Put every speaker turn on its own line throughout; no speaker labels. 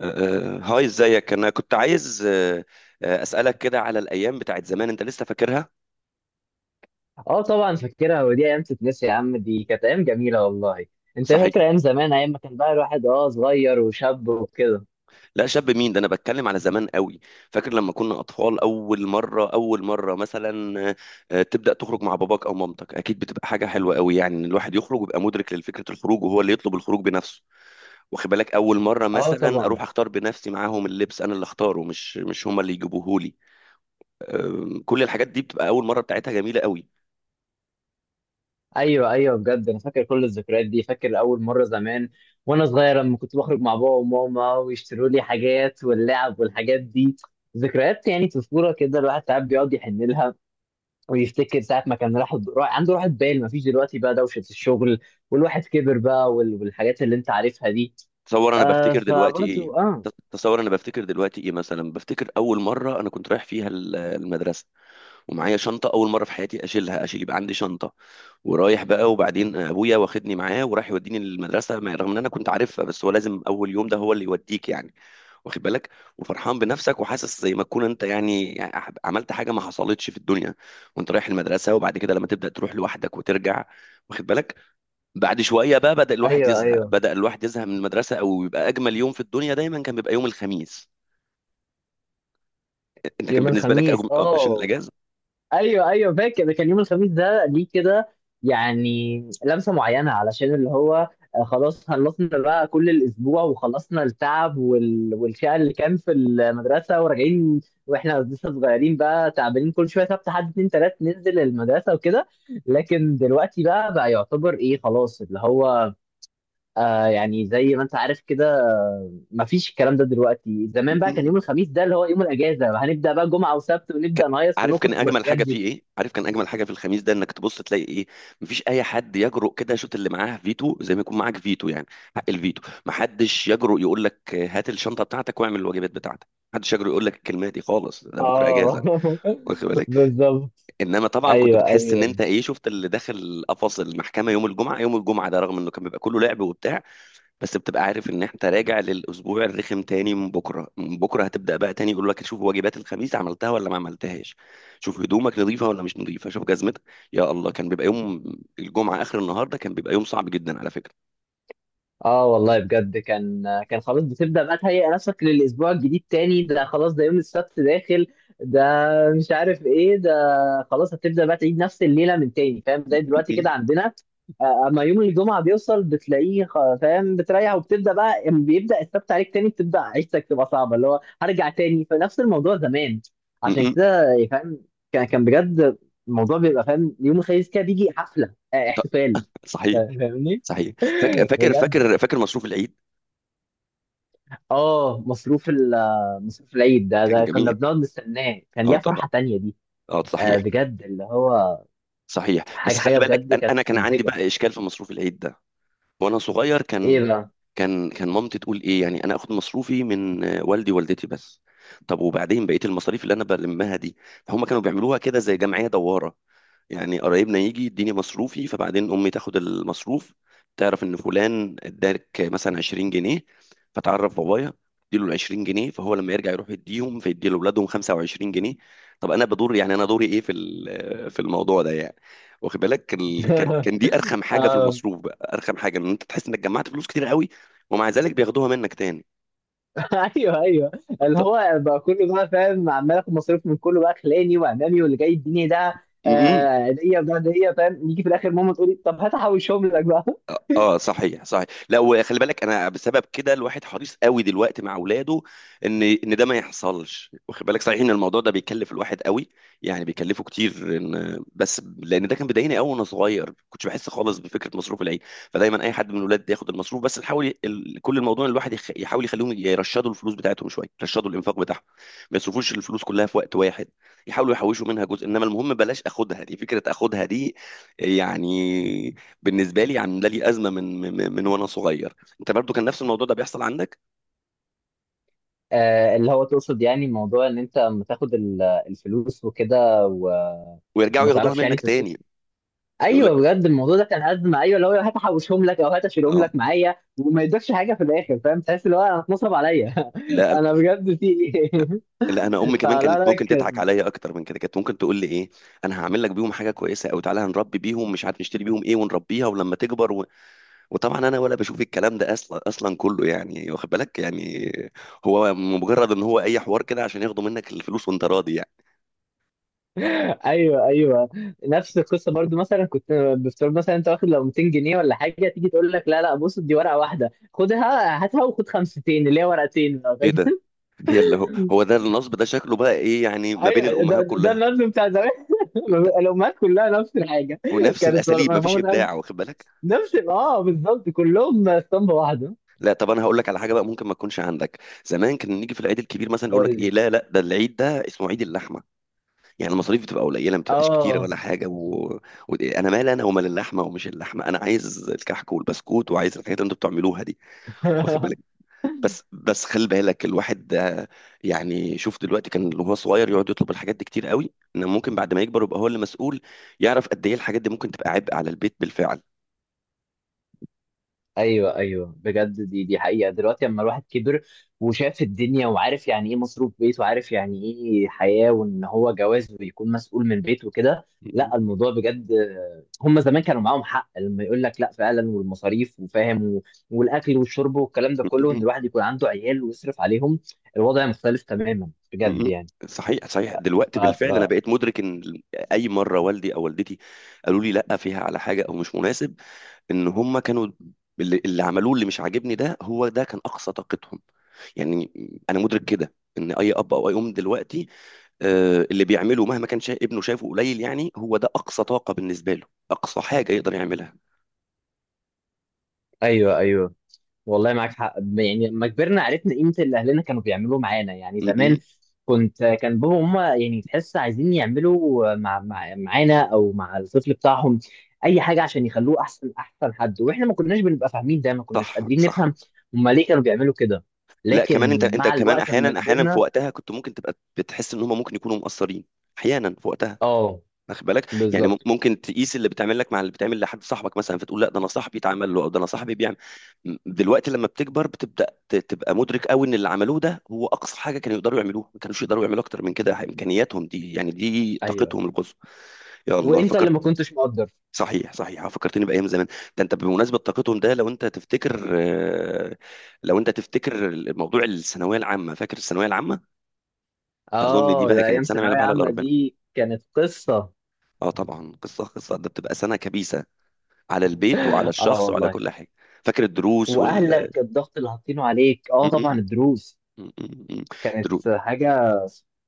هاي ازيك انا كنت عايز اسالك كده على الايام بتاعت زمان انت لسه فاكرها.
اه طبعا فاكرها، ودي ايام تتنسي يا عم. دي كانت ايام جميله والله. انت
صحيح.
فاكر ايام زمان، ايام ما كان بقى الواحد صغير وشاب وكده.
لا شاب مين ده، انا بتكلم على زمان قوي. فاكر لما كنا اطفال اول مره مثلا تبدا تخرج مع باباك او مامتك، اكيد بتبقى حاجه حلوه قوي، يعني ان الواحد يخرج ويبقى مدرك لفكره الخروج وهو اللي يطلب الخروج بنفسه. واخد بالك، اول مره
اه
مثلا
طبعا.
اروح اختار بنفسي معاهم اللبس، انا اللي اختاره، مش هما اللي يجيبوه لي. كل الحاجات دي بتبقى اول مره بتاعتها جميله قوي.
ايوه ايوه، بجد انا فاكر كل الذكريات دي. فاكر اول مره زمان وانا صغير لما كنت بخرج مع بابا وماما ويشتروا لي حاجات واللعب والحاجات دي. ذكريات يعني طفوله كده الواحد ساعات بيقعد يحن لها، ويفتكر ساعه ما كان عنده راحه بال ما فيش دلوقتي، بقى دوشه الشغل والواحد كبر بقى، والحاجات اللي انت عارفها دي.
تصور انا
آه،
بفتكر دلوقتي ايه.
فبرضو اه.
تصور انا بفتكر دلوقتي ايه، مثلا بفتكر اول مره انا كنت رايح فيها المدرسه ومعايا شنطه، اول مره في حياتي اشيلها، يبقى عندي شنطه. ورايح بقى، وبعدين ابويا واخدني معاه وراح يوديني للمدرسه، رغم ان انا كنت عارفها، بس هو لازم اول يوم ده هو اللي يوديك يعني. واخد بالك، وفرحان بنفسك وحاسس زي ما تكون انت يعني، عملت حاجه ما حصلتش في الدنيا. وانت رايح المدرسه، وبعد كده لما تبدا تروح لوحدك وترجع. واخد بالك، بعد شويه بقى بدا الواحد
ايوه
يزهق،
ايوه.
من المدرسه. او يبقى اجمل يوم في الدنيا دايما كان بيبقى يوم الخميس. انت كان
يوم
بالنسبه لك
الخميس
أجم... آه، عشان
اه.
الاجازه.
ايوه ايوه، فاكر ده. كان يوم الخميس ده ليه كده؟ يعني لمسه معينه، علشان اللي هو خلاص خلصنا بقى كل الاسبوع وخلصنا التعب والشقه اللي كان في المدرسه، وراجعين واحنا لسه صغيرين بقى، تعبانين كل شويه سبت حد اتنين تلات ننزل المدرسه وكده. لكن دلوقتي بقى يعتبر ايه، خلاص اللي هو آه، يعني زي ما انت عارف كده، مفيش الكلام ده دلوقتي. زمان بقى كان
مم.
يوم الخميس ده اللي هو يوم الاجازه، هنبدا بقى جمعه وسبت ونبدا
ك-
نهيص
عارف كان
ونخرج
اجمل
والحاجات
حاجه
دي.
فيه ايه؟ عارف كان اجمل حاجه في الخميس ده انك تبص تلاقي ايه؟ مفيش اي حد يجرؤ كده يشوط اللي معاه فيتو، زي ما يكون معاك فيتو يعني. حق الفيتو، محدش يجرؤ يقول لك هات الشنطه بتاعتك واعمل الواجبات بتاعتك. محدش يجرؤ يقول لك الكلمه دي خالص، ده بكره
اه
اجازه. واخد بالك.
بالظبط.
انما طبعا كنت
ايوه
بتحس ان
ايوه.
انت ايه، شفت اللي داخل قفص المحكمه، يوم الجمعه، يوم الجمعه ده رغم انه كان بيبقى كله لعب وبتاع، بس بتبقى عارف ان انت راجع للاسبوع الرخم تاني. من بكره هتبدا بقى تاني يقول لك شوف واجبات الخميس عملتها ولا ما عملتهاش، شوف هدومك نظيفه ولا مش نظيفه، شوف جزمتك. يا الله، كان بيبقى يوم الجمعه اخر النهار ده كان بيبقى يوم صعب جدا على فكره.
اه والله بجد كان. كان خلاص بتبدأ بقى تهيئ نفسك للأسبوع الجديد تاني. ده خلاص ده يوم السبت داخل ده، مش عارف ايه ده. خلاص هتبدأ بقى تعيد نفس الليلة من تاني، فاهم؟ زي دلوقتي
مم.
كده عندنا. آه، اما يوم الجمعة بيوصل بتلاقيه فاهم بتريح، وبتبدأ بقى أما بيبدأ السبت عليك تاني بتبدأ عيشتك تبقى صعبة، اللي هو هرجع تاني فنفس الموضوع زمان. عشان
مم.
كده يعني، فاهم؟ كان بجد الموضوع بيبقى، فاهم، يوم الخميس كده بيجي حفلة آه،
ط-
احتفال.
صحيح.
فاهمني؟
صحيح. فاكر فاكر
بجد.
فاكر فاكر مصروف العيد.
اه، مصروف العيد ده،
كان
ده كنا
جميل،
بنقعد نستناه. كان
اه
ليها
طبعا،
فرحة تانية دي.
اه
آه
صحيح.
بجد اللي هو.
صحيح
حاجة
بس خلي بالك،
بجد
انا
كانت
أنا كان عندي
مبهجة.
بقى اشكال في مصروف العيد ده وانا صغير.
ايه بقى؟
كان مامتي تقول ايه، يعني انا اخد مصروفي من والدي ووالدتي بس، طب وبعدين بقيه المصاريف اللي انا بلمها دي؟ فهم كانوا بيعملوها كده زي جمعيه دواره، يعني قرايبنا يجي يديني مصروفي فبعدين امي تاخد المصروف. تعرف ان فلان ادالك مثلا 20 جنيه، فتعرف بابايا اديله ال 20 جنيه، فهو لما يرجع يروح يديهم فيدي لاولادهم 25 جنيه. طب انا بدور، يعني انا دوري ايه في في الموضوع ده يعني. واخد بالك، ال- كان كان دي ارخم حاجه في
اه
المصروف. ارخم حاجه ان انت تحس انك جمعت فلوس كتير قوي، ومع ذلك بياخدوها منك تاني.
ايوه ايوه،
طب
اللي
طب-
هو بقى كله بقى فاهم، عمال اخد مصروف من كله بقى، خلاني وامامي واللي جاي يديني ده
م- م.
آه، هديه وده هديه. فاهم، نيجي في الاخر ماما تقولي طب هات احوشهم لك بقى.
اه، صحيح. صحيح، لا وخلي بالك، انا بسبب كده الواحد حريص قوي دلوقتي مع اولاده ان ان ده ما يحصلش. واخد بالك، صحيح ان الموضوع ده بيكلف الواحد قوي، يعني بيكلفه كتير، بس لان ده كان بيضايقني قوي وانا صغير، كنتش بحس خالص بفكره مصروف العيد. فدايما اي حد من الولاد ياخد المصروف، بس نحاول كل الموضوع إن الواحد يحاول يخليهم يرشدوا الفلوس بتاعتهم شويه، يرشدوا الانفاق بتاعهم، ما يصرفوش الفلوس كلها في وقت واحد، يحاولوا يحوشوا منها جزء. انما المهم بلاش اخدها، دي فكره اخدها دي يعني. بالنسبه لي عامله لي ازمه من من من وانا صغير. انت برضو كان نفس الموضوع ده بيحصل عندك؟
آه اللي هو تقصد يعني موضوع ان انت لما تاخد الفلوس وكده
ويرجعوا
وما
ياخدوها
تعرفش يعني
منك
تصرف.
تاني؟ يقول لك
ايوه، بجد الموضوع ده كان ازمه. ايوه، اللي هو هات احوشهم لك او هات اشيلهم
اه.
لك معايا، وما يدكش حاجه في الاخر. فاهم، تحس اللي هو انا اتنصب عليا.
لا
انا بجد في ايه.
لا، انا امي كمان
فلا
كانت
لا
ممكن تضحك
كان.
عليا اكتر من كده، كانت ممكن تقول لي ايه، انا هعمل لك بيهم حاجه كويسه، او تعالى هنربي بيهم مش عارف نشتري بيهم ايه ونربيها ولما تكبر و... وطبعا انا ولا بشوف الكلام ده اصلا، كله يعني، واخد بالك يعني، هو مجرد ان هو اي حوار كده عشان ياخدوا منك الفلوس وانت راضي يعني.
ايوه ايوه، نفس القصه برضو. مثلا كنت بفترض مثلا انت واخد لو 200 جنيه ولا حاجه، تيجي تقول لك لا لا، بص دي ورقه واحده خدها هاتها وخد خمستين اللي هي ورقتين لو
ايه ده؟
فاكر.
هي اللي هو هو ده النصب ده شكله بقى ايه، يعني ما بين
ايوه ده
الامهات كلها؟
النقد بتاع زمان. الامهات كلها نفس الحاجه.
ونفس
كانت
الاساليب، مفيش
ماما تقول
ابداع. واخد بالك.
نفس، اه بالظبط كلهم اسطمبه واحده.
لا طب انا هقول لك على حاجه بقى ممكن ما تكونش عندك. زمان كنا نيجي في العيد الكبير مثلا يقول لك ايه، لا لا، ده العيد ده اسمه عيد اللحمه، يعني المصاريف بتبقى قليله ما بتبقاش كتيره
اه
ولا حاجه و... و... انا مال انا ومال اللحمه، ومش اللحمه، انا عايز الكحك والبسكوت، وعايز الحاجات اللي انتوا بتعملوها دي. واخد بالك. بس بس خلي بالك الواحد ده، يعني شوف دلوقتي، كان اللي هو صغير يقعد يطلب الحاجات دي كتير قوي، ان ممكن بعد ما يكبر يبقى هو اللي مسؤول، يعرف قد ايه الحاجات دي ممكن تبقى عبء على البيت بالفعل.
ايوه ايوه، بجد دي حقيقه. دلوقتي لما الواحد كبر وشاف الدنيا وعارف يعني ايه مصروف بيت، وعارف يعني ايه حياه، وان هو جواز ويكون مسؤول من بيت وكده، لا الموضوع بجد. هم زمان كانوا معاهم حق لما يقول لك لا فعلا، والمصاريف وفاهم والاكل والشرب والكلام ده كله، ان الواحد يكون عنده عيال ويصرف عليهم. الوضع مختلف تماما
م-
بجد
م.
يعني.
صحيح. صحيح
ف...
دلوقتي بالفعل انا
ف...
بقيت مدرك ان اي مره والدي او والدتي قالوا لي لا فيها على حاجه او مش مناسب، ان هم كانوا اللي عملوه اللي مش عاجبني ده هو ده كان اقصى طاقتهم يعني. انا مدرك كده ان اي اب او اي ام دلوقتي اللي بيعمله مهما كان ابنه شايفه قليل، يعني هو ده اقصى طاقه بالنسبه له، اقصى حاجه يقدر يعملها.
ايوه ايوه، والله معاك حق. يعني لما كبرنا عرفنا قيمة اللي أهلنا كانوا بيعملوه معانا. يعني
م-
زمان
م.
كنت، كان بابا وماما يعني تحس عايزين يعملوا مع مع معانا أو مع الطفل بتاعهم أي حاجة عشان يخلوه أحسن، أحسن حد. وإحنا ما كناش بنبقى فاهمين ده، ما كناش
صح.
قادرين نفهم
صح.
هما ليه كانوا بيعملوا كده.
لا كمان انت،
لكن
انت
مع
كمان
الوقت لما
احيانا، احيانا في
كبرنا،
وقتها كنت ممكن تبقى بتحس ان هم ممكن يكونوا مقصرين احيانا في وقتها.
آه.
واخد بالك، يعني
بالظبط.
ممكن تقيس اللي بتعمل لك مع اللي بتعمل لحد صاحبك مثلا، فتقول لا ده انا صاحبي اتعمل له، او ده انا صاحبي بيعمل. دلوقتي لما بتكبر بتبدا تبقى مدرك قوي ان اللي عملوه ده هو اقصى حاجه كانوا يقدروا يعملوها، ما كانوش يقدروا يعملوا اكتر من كده، امكانياتهم دي يعني دي
أيوه.
طاقتهم القصوى. يا الله
وأنت اللي
فكرت.
ما كنتش مقدر.
صحيح فكرتني بايام زمان. ده انت بمناسبه طاقتهم ده، لو انت تفتكر لو انت تفتكر الموضوع الثانويه العامه، فاكر الثانويه العامه؟ اظن دي
آه
بقى
ده أيام
كانت سنه ما يعلم
ثانوية
بها الا
عامة
ربنا.
دي كانت قصة.
اه طبعا قصه قصه ده بتبقى سنه كبيسه على البيت وعلى
آه
الشخص وعلى
والله.
كل حاجة. فاكر الدروس وال...
واهلك الضغط اللي حاطينه عليك، اه
م-
طبعا
م-
الدروس
م- م- م. درو...
كانت حاجه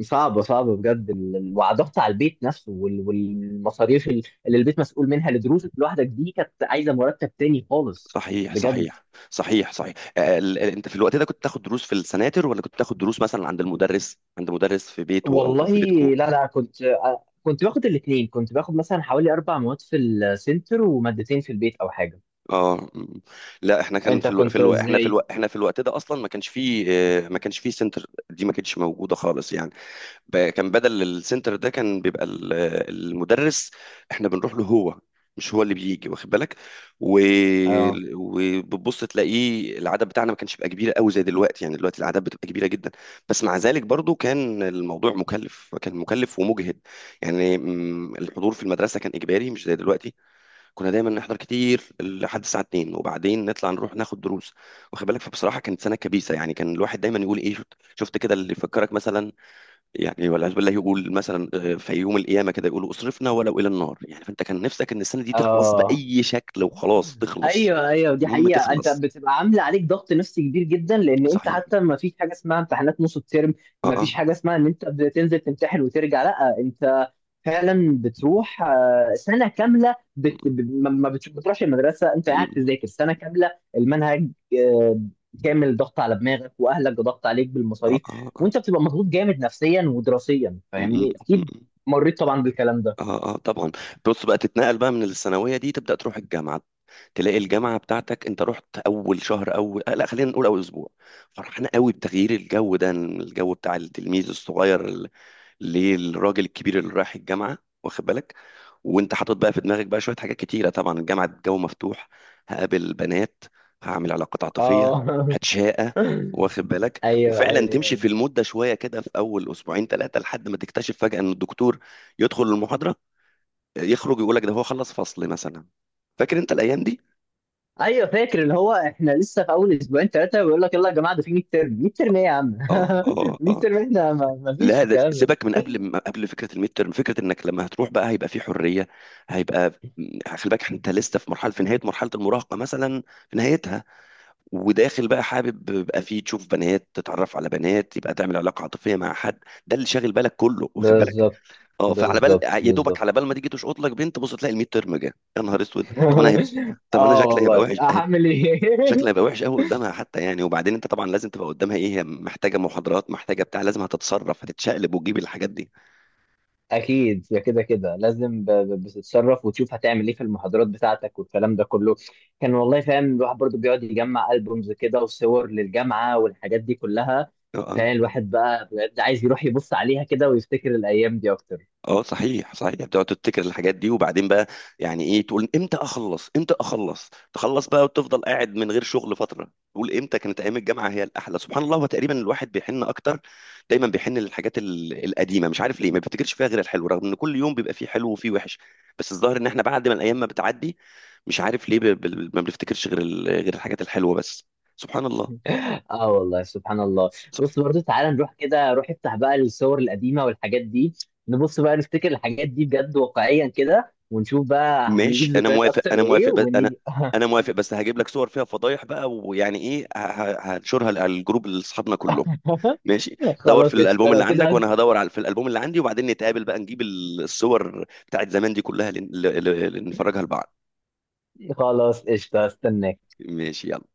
صعبه. بجد، وضغط على البيت نفسه والمصاريف اللي البيت مسؤول منها لدروسك لوحدك دي، كانت عايزه مرتب تاني خالص
صحيح
بجد
صحيح صحيح صحيح انت في الوقت ده كنت تاخد دروس في السناتر، ولا كنت تاخد دروس مثلا عند المدرس، عند مدرس في بيته او
والله.
في بيتكو؟
لا لا، كنت آه، كنت باخد الاثنين. كنت باخد مثلا حوالي اربع مواد في السنتر ومادتين في البيت او حاجه.
اه. لا احنا كان
انت
في الو... في
كنت
الو... احنا في الو...
ازاي؟
احنا في الوقت ده اصلا ما كانش فيه، ما كانش فيه سنتر، دي ما كانتش موجودة خالص يعني. كان بدل السنتر ده كان بيبقى المدرس احنا بنروح له هو، مش هو اللي بيجي. واخد بالك. و...
اه
وبتبص تلاقيه العدد بتاعنا ما كانش بيبقى كبير قوي زي دلوقتي، يعني دلوقتي العدد بتبقى كبيره جدا. بس مع ذلك برضو كان الموضوع مكلف، كان مكلف ومجهد يعني. م، الحضور في المدرسه كان اجباري مش زي دلوقتي، كنا دايما نحضر كتير لحد الساعه 2 وبعدين نطلع نروح ناخد دروس. واخد بالك، فبصراحه كانت سنه كبيسه يعني، كان الواحد دايما يقول ايه، شفت كده اللي يفكرك مثلا، يعني والعياذ بالله يقول مثلا في يوم القيامه كده يقولوا اصرفنا ولو الى النار، يعني فانت كان نفسك ان السنه دي تخلص
اه.
باي شكل وخلاص تخلص.
ايوه ايوه، دي
المهم
حقيقه. انت
تخلص.
بتبقى عامله عليك ضغط نفسي كبير جدا، لان انت
صحيح.
حتى ما فيش حاجه اسمها امتحانات نص الترم.
اه،
ما فيش
اه.
حاجه اسمها ان انت بتنزل تمتحن وترجع، لا انت فعلا بتروح آه، سنه كامله بت...
م-
ب- ما ما بت- بتروحش المدرسه، انت قاعد
م-
تذاكر سنه كامله المنهج آه، كامل. ضغط على دماغك، واهلك ضغط عليك
اه،
بالمصاريف،
اه، اه.
وانت بتبقى مضغوط جامد نفسيا ودراسيا.
م- م-
فاهمني اكيد،
م-
مريت طبعا بالكلام ده.
اه اه طبعا. بص بقى، تتنقل بقى من الثانويه دي تبدا تروح الجامعه، تلاقي الجامعه بتاعتك، انت رحت اول شهر، اول آه، لا خلينا نقول اول اسبوع، فرحان قوي بتغيير الجو ده، الجو بتاع التلميذ الصغير للراجل الكبير اللي رايح الجامعه. واخد بالك، وانت حاطط بقى في دماغك بقى شويه حاجات كتيره، طبعا الجامعه الجو مفتوح، هقابل بنات، هعمل علاقات عاطفيه،
اه
هتشاقى. واخد بالك،
ايوه
وفعلا
ايوه.
تمشي في المده شويه كده في اول اسبوعين ثلاثه لحد ما تكتشف فجاه ان الدكتور يدخل المحاضره يخرج يقول لك ده هو خلص فصل مثلا. فاكر انت الايام دي؟
ايوه فاكر، اللي هو احنا لسه في اول اسبوعين ثلاثه بيقول لك يلا يا جماعه ده في 100 ترم. 100 ترم ايه يا عم
اه، اه،
100
اه.
ترم، احنا ما فيش
لا,
الكلام ده.
سيبك من قبل ما قبل فكره الميد ترم، فكره انك لما هتروح بقى هيبقى في حريه، هيبقى... خلي بالك انت لسه في مرحله، في نهايه مرحله المراهقه مثلا، في نهايتها، وداخل بقى حابب يبقى فيه تشوف بنات، تتعرف على بنات، يبقى تعمل علاقه عاطفيه مع حد، ده اللي شاغل بالك كله. واخد بالك.
بالظبط
اه، فعلى بال يا دوبك على
بالظبط.
بال ما تيجي تشقط لك بنت بص تلاقي الميد ترم جه، يا نهار اسود، طب انا هيبقى، طب انا
اه
شكلي هيبقى
والله
وحش،
هعمل ايه.
شكلها هيبقى وحش قوي قدامها حتى يعني. وبعدين انت طبعا لازم تبقى قدامها ايه، هي محتاجه محاضرات، محتاجه بتاع، لازم هتتصرف، هتتشقلب وتجيب الحاجات دي.
اكيد يا، كده كده لازم بتتصرف وتشوف هتعمل ايه في المحاضرات بتاعتك والكلام ده كله. كان والله فاهم الواحد برضو بيقعد يجمع البومز كده وصور للجامعه والحاجات دي كلها.
اه. آه.
فاهم الواحد بقى بجد عايز يروح يبص عليها كده، ويفتكر الايام دي اكتر.
اه صحيح. صحيح، يعني بتقعد تفتكر الحاجات دي وبعدين بقى يعني ايه، تقول امتى اخلص امتى اخلص، تخلص بقى وتفضل قاعد من غير شغل فتره تقول امتى كانت ايام الجامعه هي الاحلى. سبحان الله، هو تقريبا الواحد بيحن اكتر، دايما بيحن للحاجات القديمه، مش عارف ليه ما بيفتكرش فيها غير الحلو، رغم ان كل يوم بيبقى فيه حلو وفيه وحش، بس الظاهر ان احنا بعد ما الايام ما بتعدي مش عارف ليه، ما بنفتكرش غير غير الحاجات الحلوه بس. سبحان الله.
اه والله سبحان الله. بص برضو، تعالى نروح كده. روح افتح بقى الصور القديمه والحاجات دي، نبص بقى نفتكر الحاجات دي بجد واقعيا كده، ونشوف بقى
ماشي،
هنجيب
انا
ذكريات
موافق
اكتر
انا
وايه،
موافق بس انا
ونيجي.
انا موافق بس هجيب لك صور فيها فضايح بقى، ويعني ايه، هنشرها على الجروب اللي اصحابنا كلهم. ماشي. دور في
خلاص قشطه
الالبوم اللي
لو
عندك،
كده.
وانا هدور على في الالبوم اللي عندي، وبعدين نتقابل بقى نجيب الصور بتاعت زمان دي كلها نفرجها لبعض.
خلاص قشطه استناك.
ماشي يلا.